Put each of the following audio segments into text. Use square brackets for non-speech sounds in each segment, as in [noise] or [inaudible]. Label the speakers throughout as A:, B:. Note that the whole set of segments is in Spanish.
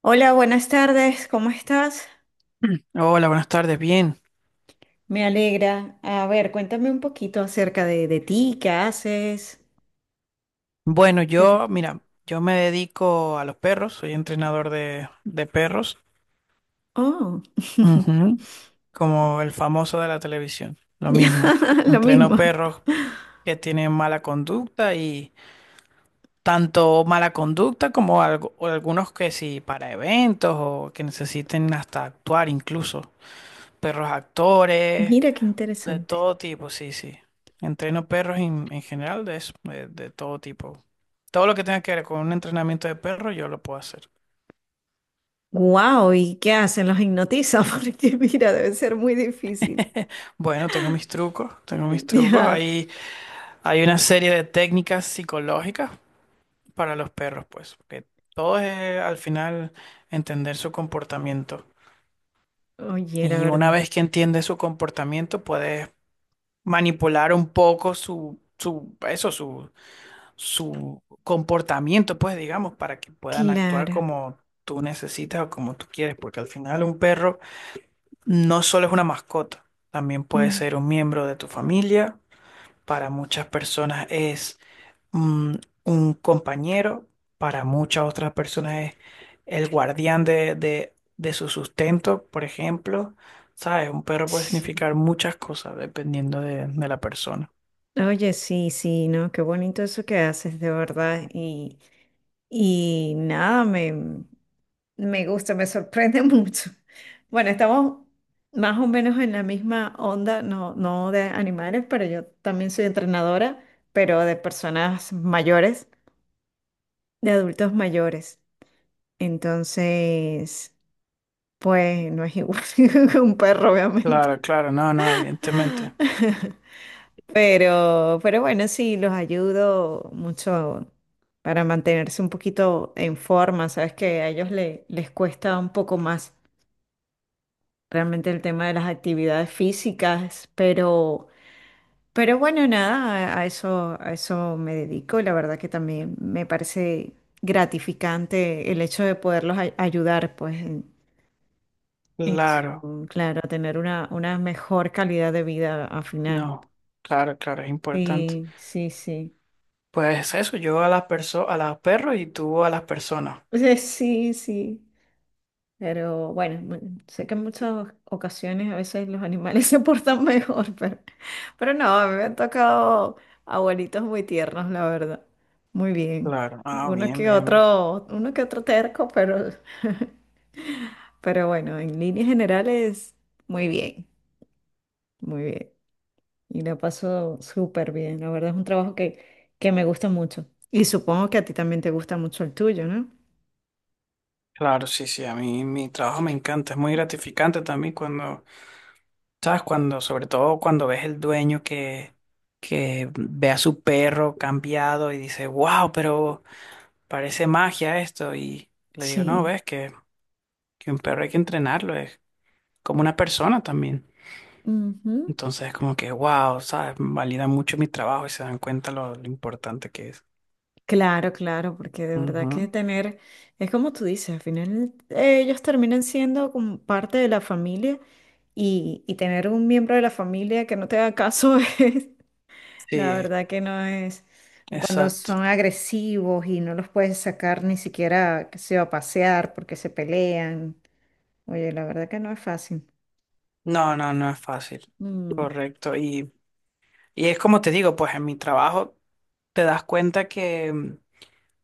A: Hola, buenas tardes, ¿cómo estás?
B: Hola, buenas tardes, bien.
A: Me alegra. A ver, cuéntame un poquito acerca de ti, ¿qué haces?
B: Bueno,
A: ¿Qué te-
B: yo, mira, yo me dedico a los perros, soy entrenador de perros.
A: Oh, [laughs]
B: Ujú. Como el famoso de la televisión, lo
A: ya,
B: mismo.
A: lo
B: Entreno
A: mismo.
B: perros que tienen mala conducta y tanto mala conducta como o algunos que sí, para eventos o que necesiten hasta actuar incluso. Perros actores.
A: Mira qué
B: De
A: interesante.
B: todo tipo, sí, sí. Entreno perros en general de eso, de todo tipo. Todo lo que tenga que ver con un entrenamiento de perro, yo lo puedo hacer.
A: Wow, ¿y qué hacen? Los hipnotiza [laughs] porque mira, debe ser muy difícil.
B: Bueno, tengo mis trucos, tengo mis
A: [laughs]
B: trucos.
A: Ya,
B: Hay una serie de técnicas psicológicas para los perros, pues, que todo es al final entender su comportamiento.
A: oye, la
B: Y una
A: verdad.
B: vez que entiendes su comportamiento, puedes manipular un poco eso, su comportamiento, pues digamos, para que puedan actuar
A: Claro.
B: como tú necesitas o como tú quieres, porque al final un perro no solo es una mascota, también puede
A: Mm,
B: ser un miembro de tu familia. Para muchas personas es mm, un compañero; para muchas otras personas es el guardián de su sustento, por ejemplo. ¿Sabes? Un perro puede
A: sí.
B: significar muchas cosas dependiendo de la persona.
A: Oye, sí, sí, ¿no? Qué bonito eso que haces, de verdad. Y nada, me... Me gusta, me sorprende [laughs] mucho. Bueno, estamos más o menos en la misma onda, no de animales, pero yo también soy entrenadora, pero de personas mayores, de adultos mayores. Entonces, pues no es igual [laughs] que un perro, obviamente.
B: Claro, claro, no, no, evidentemente.
A: [laughs] Pero bueno, sí, los ayudo mucho para mantenerse un poquito en forma. Sabes que a ellos les cuesta un poco más realmente el tema de las actividades físicas, pero bueno, nada, a eso me dedico. La verdad que también me parece gratificante el hecho de poderlos ayudar, pues, en,
B: Claro.
A: claro, a tener una mejor calidad de vida al final.
B: No, claro, claro, es importante.
A: Sí, sí, sí. [laughs]
B: Pues eso, yo a las perso a los perros y tú a las personas.
A: Sí, sí, sí. Pero bueno, sé que en muchas ocasiones a veces los animales [laughs] se portan mejor, pero no, a mí me han tocado abuelitos muy tiernos, la verdad. Muy bien.
B: Claro, ah, bien, bien, bien.
A: Uno que otro terco, pero, [laughs] pero bueno, en líneas generales, muy bien, muy bien. Y la paso súper bien. La verdad es un trabajo que me gusta mucho. Y supongo que a ti también te gusta mucho el tuyo, ¿no?
B: Claro, sí, sí, a mí mi trabajo me encanta, es muy gratificante también cuando, ¿sabes? Cuando, sobre todo cuando ves el dueño que ve a su perro cambiado y dice, wow, pero parece magia esto. Y le digo, no,
A: Sí.
B: ves que un perro hay que entrenarlo, es como una persona también.
A: Ujú.
B: Entonces, como que, wow, ¿sabes? Valida mucho mi trabajo y se dan cuenta lo importante que es.
A: Claro, claro, porque de verdad que
B: Ujú.
A: tener, es como tú dices, al final ellos terminan siendo como parte de la familia y tener un miembro de la familia que no te haga caso [laughs] es, la
B: Sí,
A: verdad que no es, cuando
B: exacto.
A: son agresivos y no los puedes sacar ni siquiera, que se va a pasear porque se pelean, oye, la verdad que no es fácil.
B: No, no, no es fácil.
A: Mm,
B: Correcto. Y es como te digo, pues en mi trabajo te das cuenta que,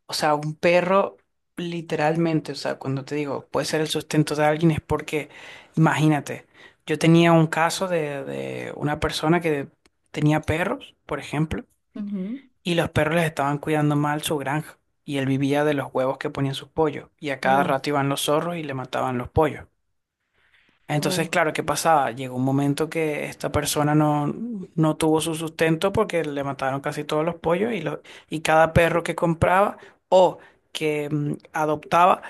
B: o sea, un perro literalmente, o sea, cuando te digo, puede ser el sustento de alguien, es porque, imagínate, yo tenía un caso de una persona que tenía perros, por ejemplo.
A: ujú.
B: Y los perros les estaban cuidando mal su granja, y él vivía de los huevos que ponían sus pollos, y a cada
A: Oh,
B: rato iban los zorros y le mataban los pollos. Entonces,
A: oh.
B: claro, ¿qué pasaba? Llegó un momento que esta persona no, no tuvo su sustento porque le mataron casi todos los pollos y, y cada perro que compraba o que adoptaba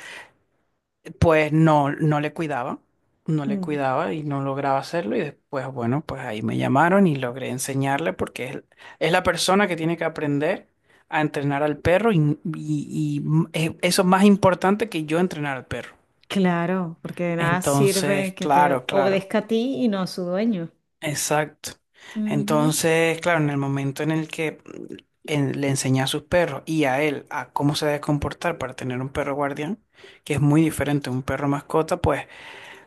B: pues no, no le cuidaba, no le
A: Mm,
B: cuidaba y no lograba hacerlo. Y después, bueno, pues ahí me llamaron y logré enseñarle, porque es la persona que tiene que aprender a entrenar al perro y, eso es más importante que yo entrenar al perro.
A: claro, porque de nada sirve
B: Entonces,
A: que te
B: claro, claro,
A: obedezca a ti y no a su dueño.
B: exacto.
A: Ujú.
B: Entonces, claro, en el momento en el que le enseñé a sus perros y a él a cómo se debe comportar para tener un perro guardián, que es muy diferente a un perro mascota, pues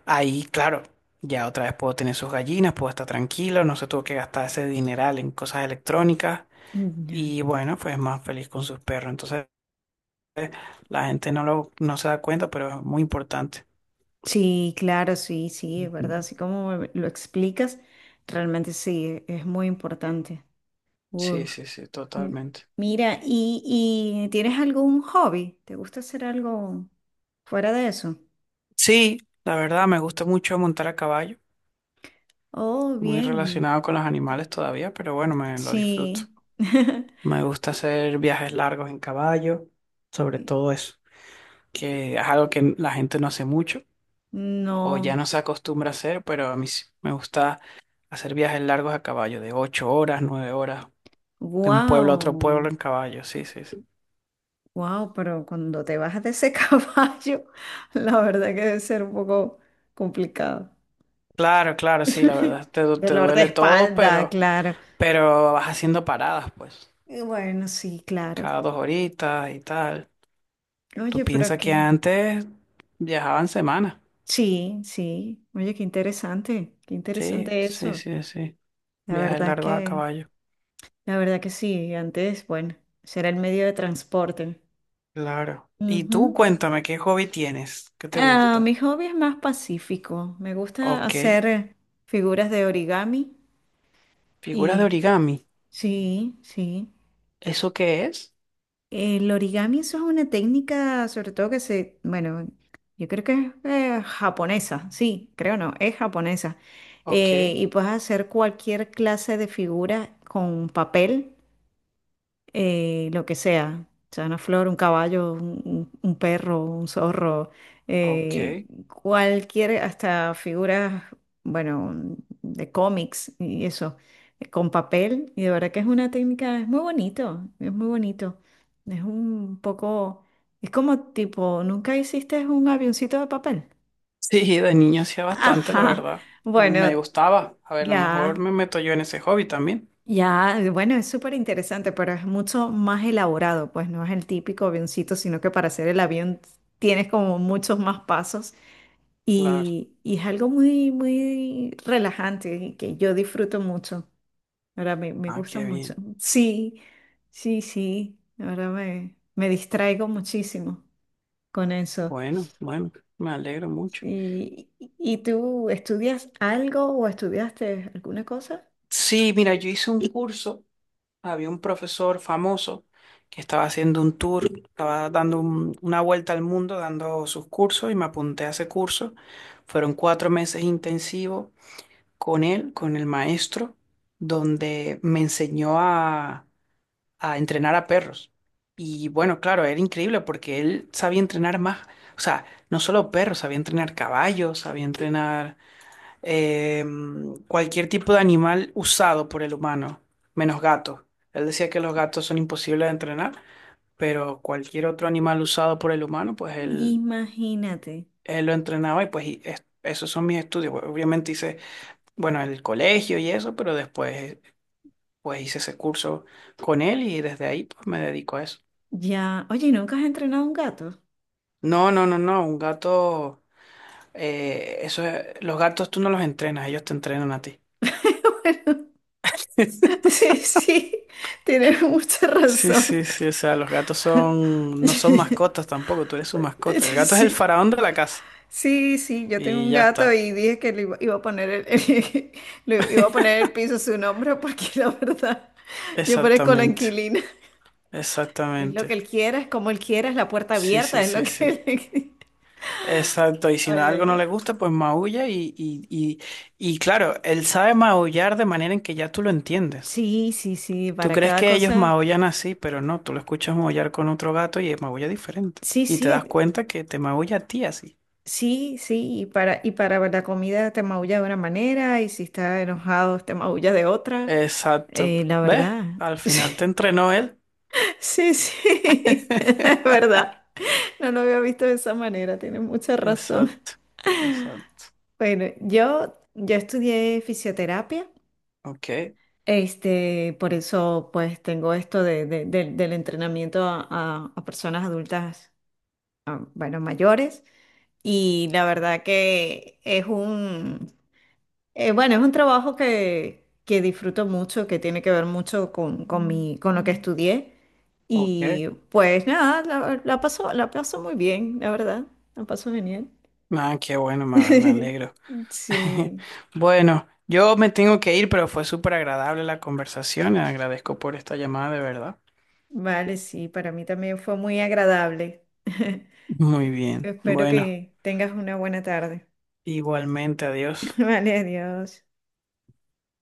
B: ahí, claro, ya otra vez puedo tener sus gallinas, puedo estar tranquilo, no se tuvo que gastar ese dineral en cosas electrónicas
A: Mm, ya.
B: y bueno, pues más feliz con sus perros. Entonces, la gente no no se da cuenta, pero es muy importante.
A: Sí, claro, sí, sí, es
B: Ujú.
A: verdad. Así como lo explicas, realmente sí, es muy importante.
B: Sí,
A: Uf.
B: sí, sí,
A: M-
B: totalmente.
A: Mira, ¿y tienes algún hobby? ¿Te gusta hacer algo fuera de eso?
B: Sí, la verdad me gusta mucho montar a caballo,
A: Oh,
B: muy
A: bien,
B: relacionado con los animales todavía, pero bueno, me lo disfruto.
A: sí. [laughs]
B: Me gusta hacer viajes largos en caballo, sobre todo eso, que es algo que la gente no hace mucho. O ya no
A: No,
B: se acostumbra a hacer, pero a mí sí me gusta hacer viajes largos a caballo, de 8 horas, 9 horas, de un pueblo a otro pueblo
A: wow,
B: en caballo, sí, sí, sí.
A: wow, pero cuando te bajas de ese [laughs] caballo, la verdad que debe ser un poco complicado.
B: Claro, claro, sí, la
A: [laughs]
B: verdad, te
A: Dolor de
B: duele todo,
A: espalda, claro.
B: pero vas haciendo paradas, pues,
A: Bueno, sí, claro.
B: cada 2 horitas y tal. Tú
A: Oye, pero
B: piensas que
A: qué.
B: antes viajaban semanas,
A: Sí, sí. Oye, qué
B: sí,
A: interesante
B: sí,
A: eso.
B: sí, sí,
A: La
B: viajes
A: verdad
B: largos a
A: que,
B: caballo,
A: la verdad que sí. Antes, bueno, será el medio de transporte.
B: claro. Y tú
A: Ujú.
B: cuéntame, ¿qué hobby tienes? ¿Qué te
A: Ah,
B: gusta?
A: mi hobby es más pacífico. Me gusta
B: Ok,
A: hacer figuras de origami
B: figuras de
A: y
B: origami.
A: sí, sí.
B: ¿Eso qué es?
A: El origami, eso es una técnica, sobre todo que se, bueno, yo creo que es japonesa, sí, creo no, es japonesa.
B: Ok,
A: Y puedes hacer cualquier clase de figura con papel lo que sea, o sea, una flor, un caballo, un perro, un zorro,
B: ok.
A: eh, cualquier, hasta figuras, bueno, de cómics y eso, con papel, y de verdad que es una técnica, es muy bonito, es muy bonito, es un poco, es como tipo, ¿nunca hiciste un avioncito de papel? [laughs]
B: Sí, de niño hacía bastante, la
A: Ajá,
B: verdad. Me
A: bueno,
B: gustaba. A ver, a lo mejor
A: ya.
B: me meto yo en ese hobby también.
A: Ya, bueno, es súper interesante, pero es mucho más elaborado, pues no es el típico avioncito, sino que para hacer el avión tienes como muchos más pasos
B: Claro.
A: y es algo muy, muy relajante y que yo disfruto mucho. Ahora me
B: Ah,
A: gusta
B: qué
A: mucho.
B: bien.
A: Sí, sí, sí, ahora me distraigo muchísimo con eso.
B: Bueno, bueno, me alegro mucho.
A: ¿Y, y tú estudias algo o estudiaste alguna cosa?
B: Sí, mira, yo hice un curso. Había un profesor famoso que estaba haciendo un tour, estaba dando una vuelta al mundo, dando sus cursos y me apunté a ese curso. Fueron 4 meses intensivos con él, con el maestro, donde me enseñó a entrenar a perros. Y bueno, claro, era increíble porque él sabía entrenar más, o sea, no solo perros, sabía entrenar caballos, sabía entrenar cualquier tipo de animal usado por el humano, menos gatos. Él decía que los gatos son imposibles de entrenar, pero cualquier otro animal usado por el humano, pues él,
A: Imagínate.
B: él lo entrenaba y pues y esos son mis estudios. Obviamente hice, bueno, el colegio y eso, pero después pues hice ese curso con él y desde ahí pues me dedico a eso.
A: Ya, oye, ¿y nunca has entrenado un gato?
B: No, no, no, no. Un gato, eso es- los gatos tú no los entrenas, ellos te entrenan a ti.
A: [laughs]
B: [laughs]
A: Sí, sí, tienes mucha
B: Sí, sí,
A: razón. [laughs]
B: sí. O sea, los gatos son, no son mascotas tampoco, tú eres su mascota. El
A: Sí,
B: gato es el
A: sí,
B: faraón de la casa.
A: sí, sí. Yo tengo
B: Y
A: un
B: ya
A: gato
B: está.
A: y dije que le iba a poner [laughs] le iba a poner el piso su nombre porque [laughs] la verdad, yo parezco la
B: Exactamente.
A: inquilina. Es lo que
B: Exactamente.
A: él quiera, es como él quiera, es la puerta
B: Sí,
A: abierta,
B: sí,
A: es lo
B: sí, sí.
A: que él...
B: Exacto. Y
A: [laughs]
B: si no-
A: Oye,
B: algo no le
A: oye.
B: gusta, pues maulla y claro, él sabe maullar de manera en que ya tú lo entiendes.
A: Sí, sí, sí,
B: Tú
A: para
B: crees
A: cada
B: que ellos
A: cosa.
B: maullan así, pero no, tú lo escuchas maullar con otro gato y maulla diferente.
A: Sí,
B: Y te
A: sí,
B: das cuenta que te maulla a ti así.
A: sí, sí, y para la comida te maulla de una manera, y si está enojado te maulla de otra.
B: Exacto.
A: La
B: ¿Ves?
A: verdad.
B: Al final te
A: [laughs]
B: entrenó él.
A: Sí, sí, sí, [laughs] es
B: [laughs]
A: verdad. No lo había visto de esa manera, tienes mucha razón.
B: Exacto. Exacto.
A: Bueno, yo estudié fisioterapia,
B: Ok.
A: este, por eso pues tengo esto del entrenamiento a personas adultas, bueno, mayores, y la verdad que es un, bueno, es un trabajo que disfruto mucho, que tiene que ver mucho con mi, con lo que estudié.
B: Ok.
A: Y pues nada, la paso muy bien, la verdad. La paso genial.
B: Ah, qué bueno, me
A: [laughs]
B: alegro. [laughs]
A: Sí,
B: Bueno, yo me tengo que ir, pero fue súper agradable la conversación. Agradezco por esta llamada, de verdad.
A: vale, sí, para mí también fue muy agradable. [laughs]
B: Muy bien.
A: Espero
B: Bueno,
A: que tengas una buena tarde.
B: igualmente, adiós.
A: [laughs] Vale, adiós.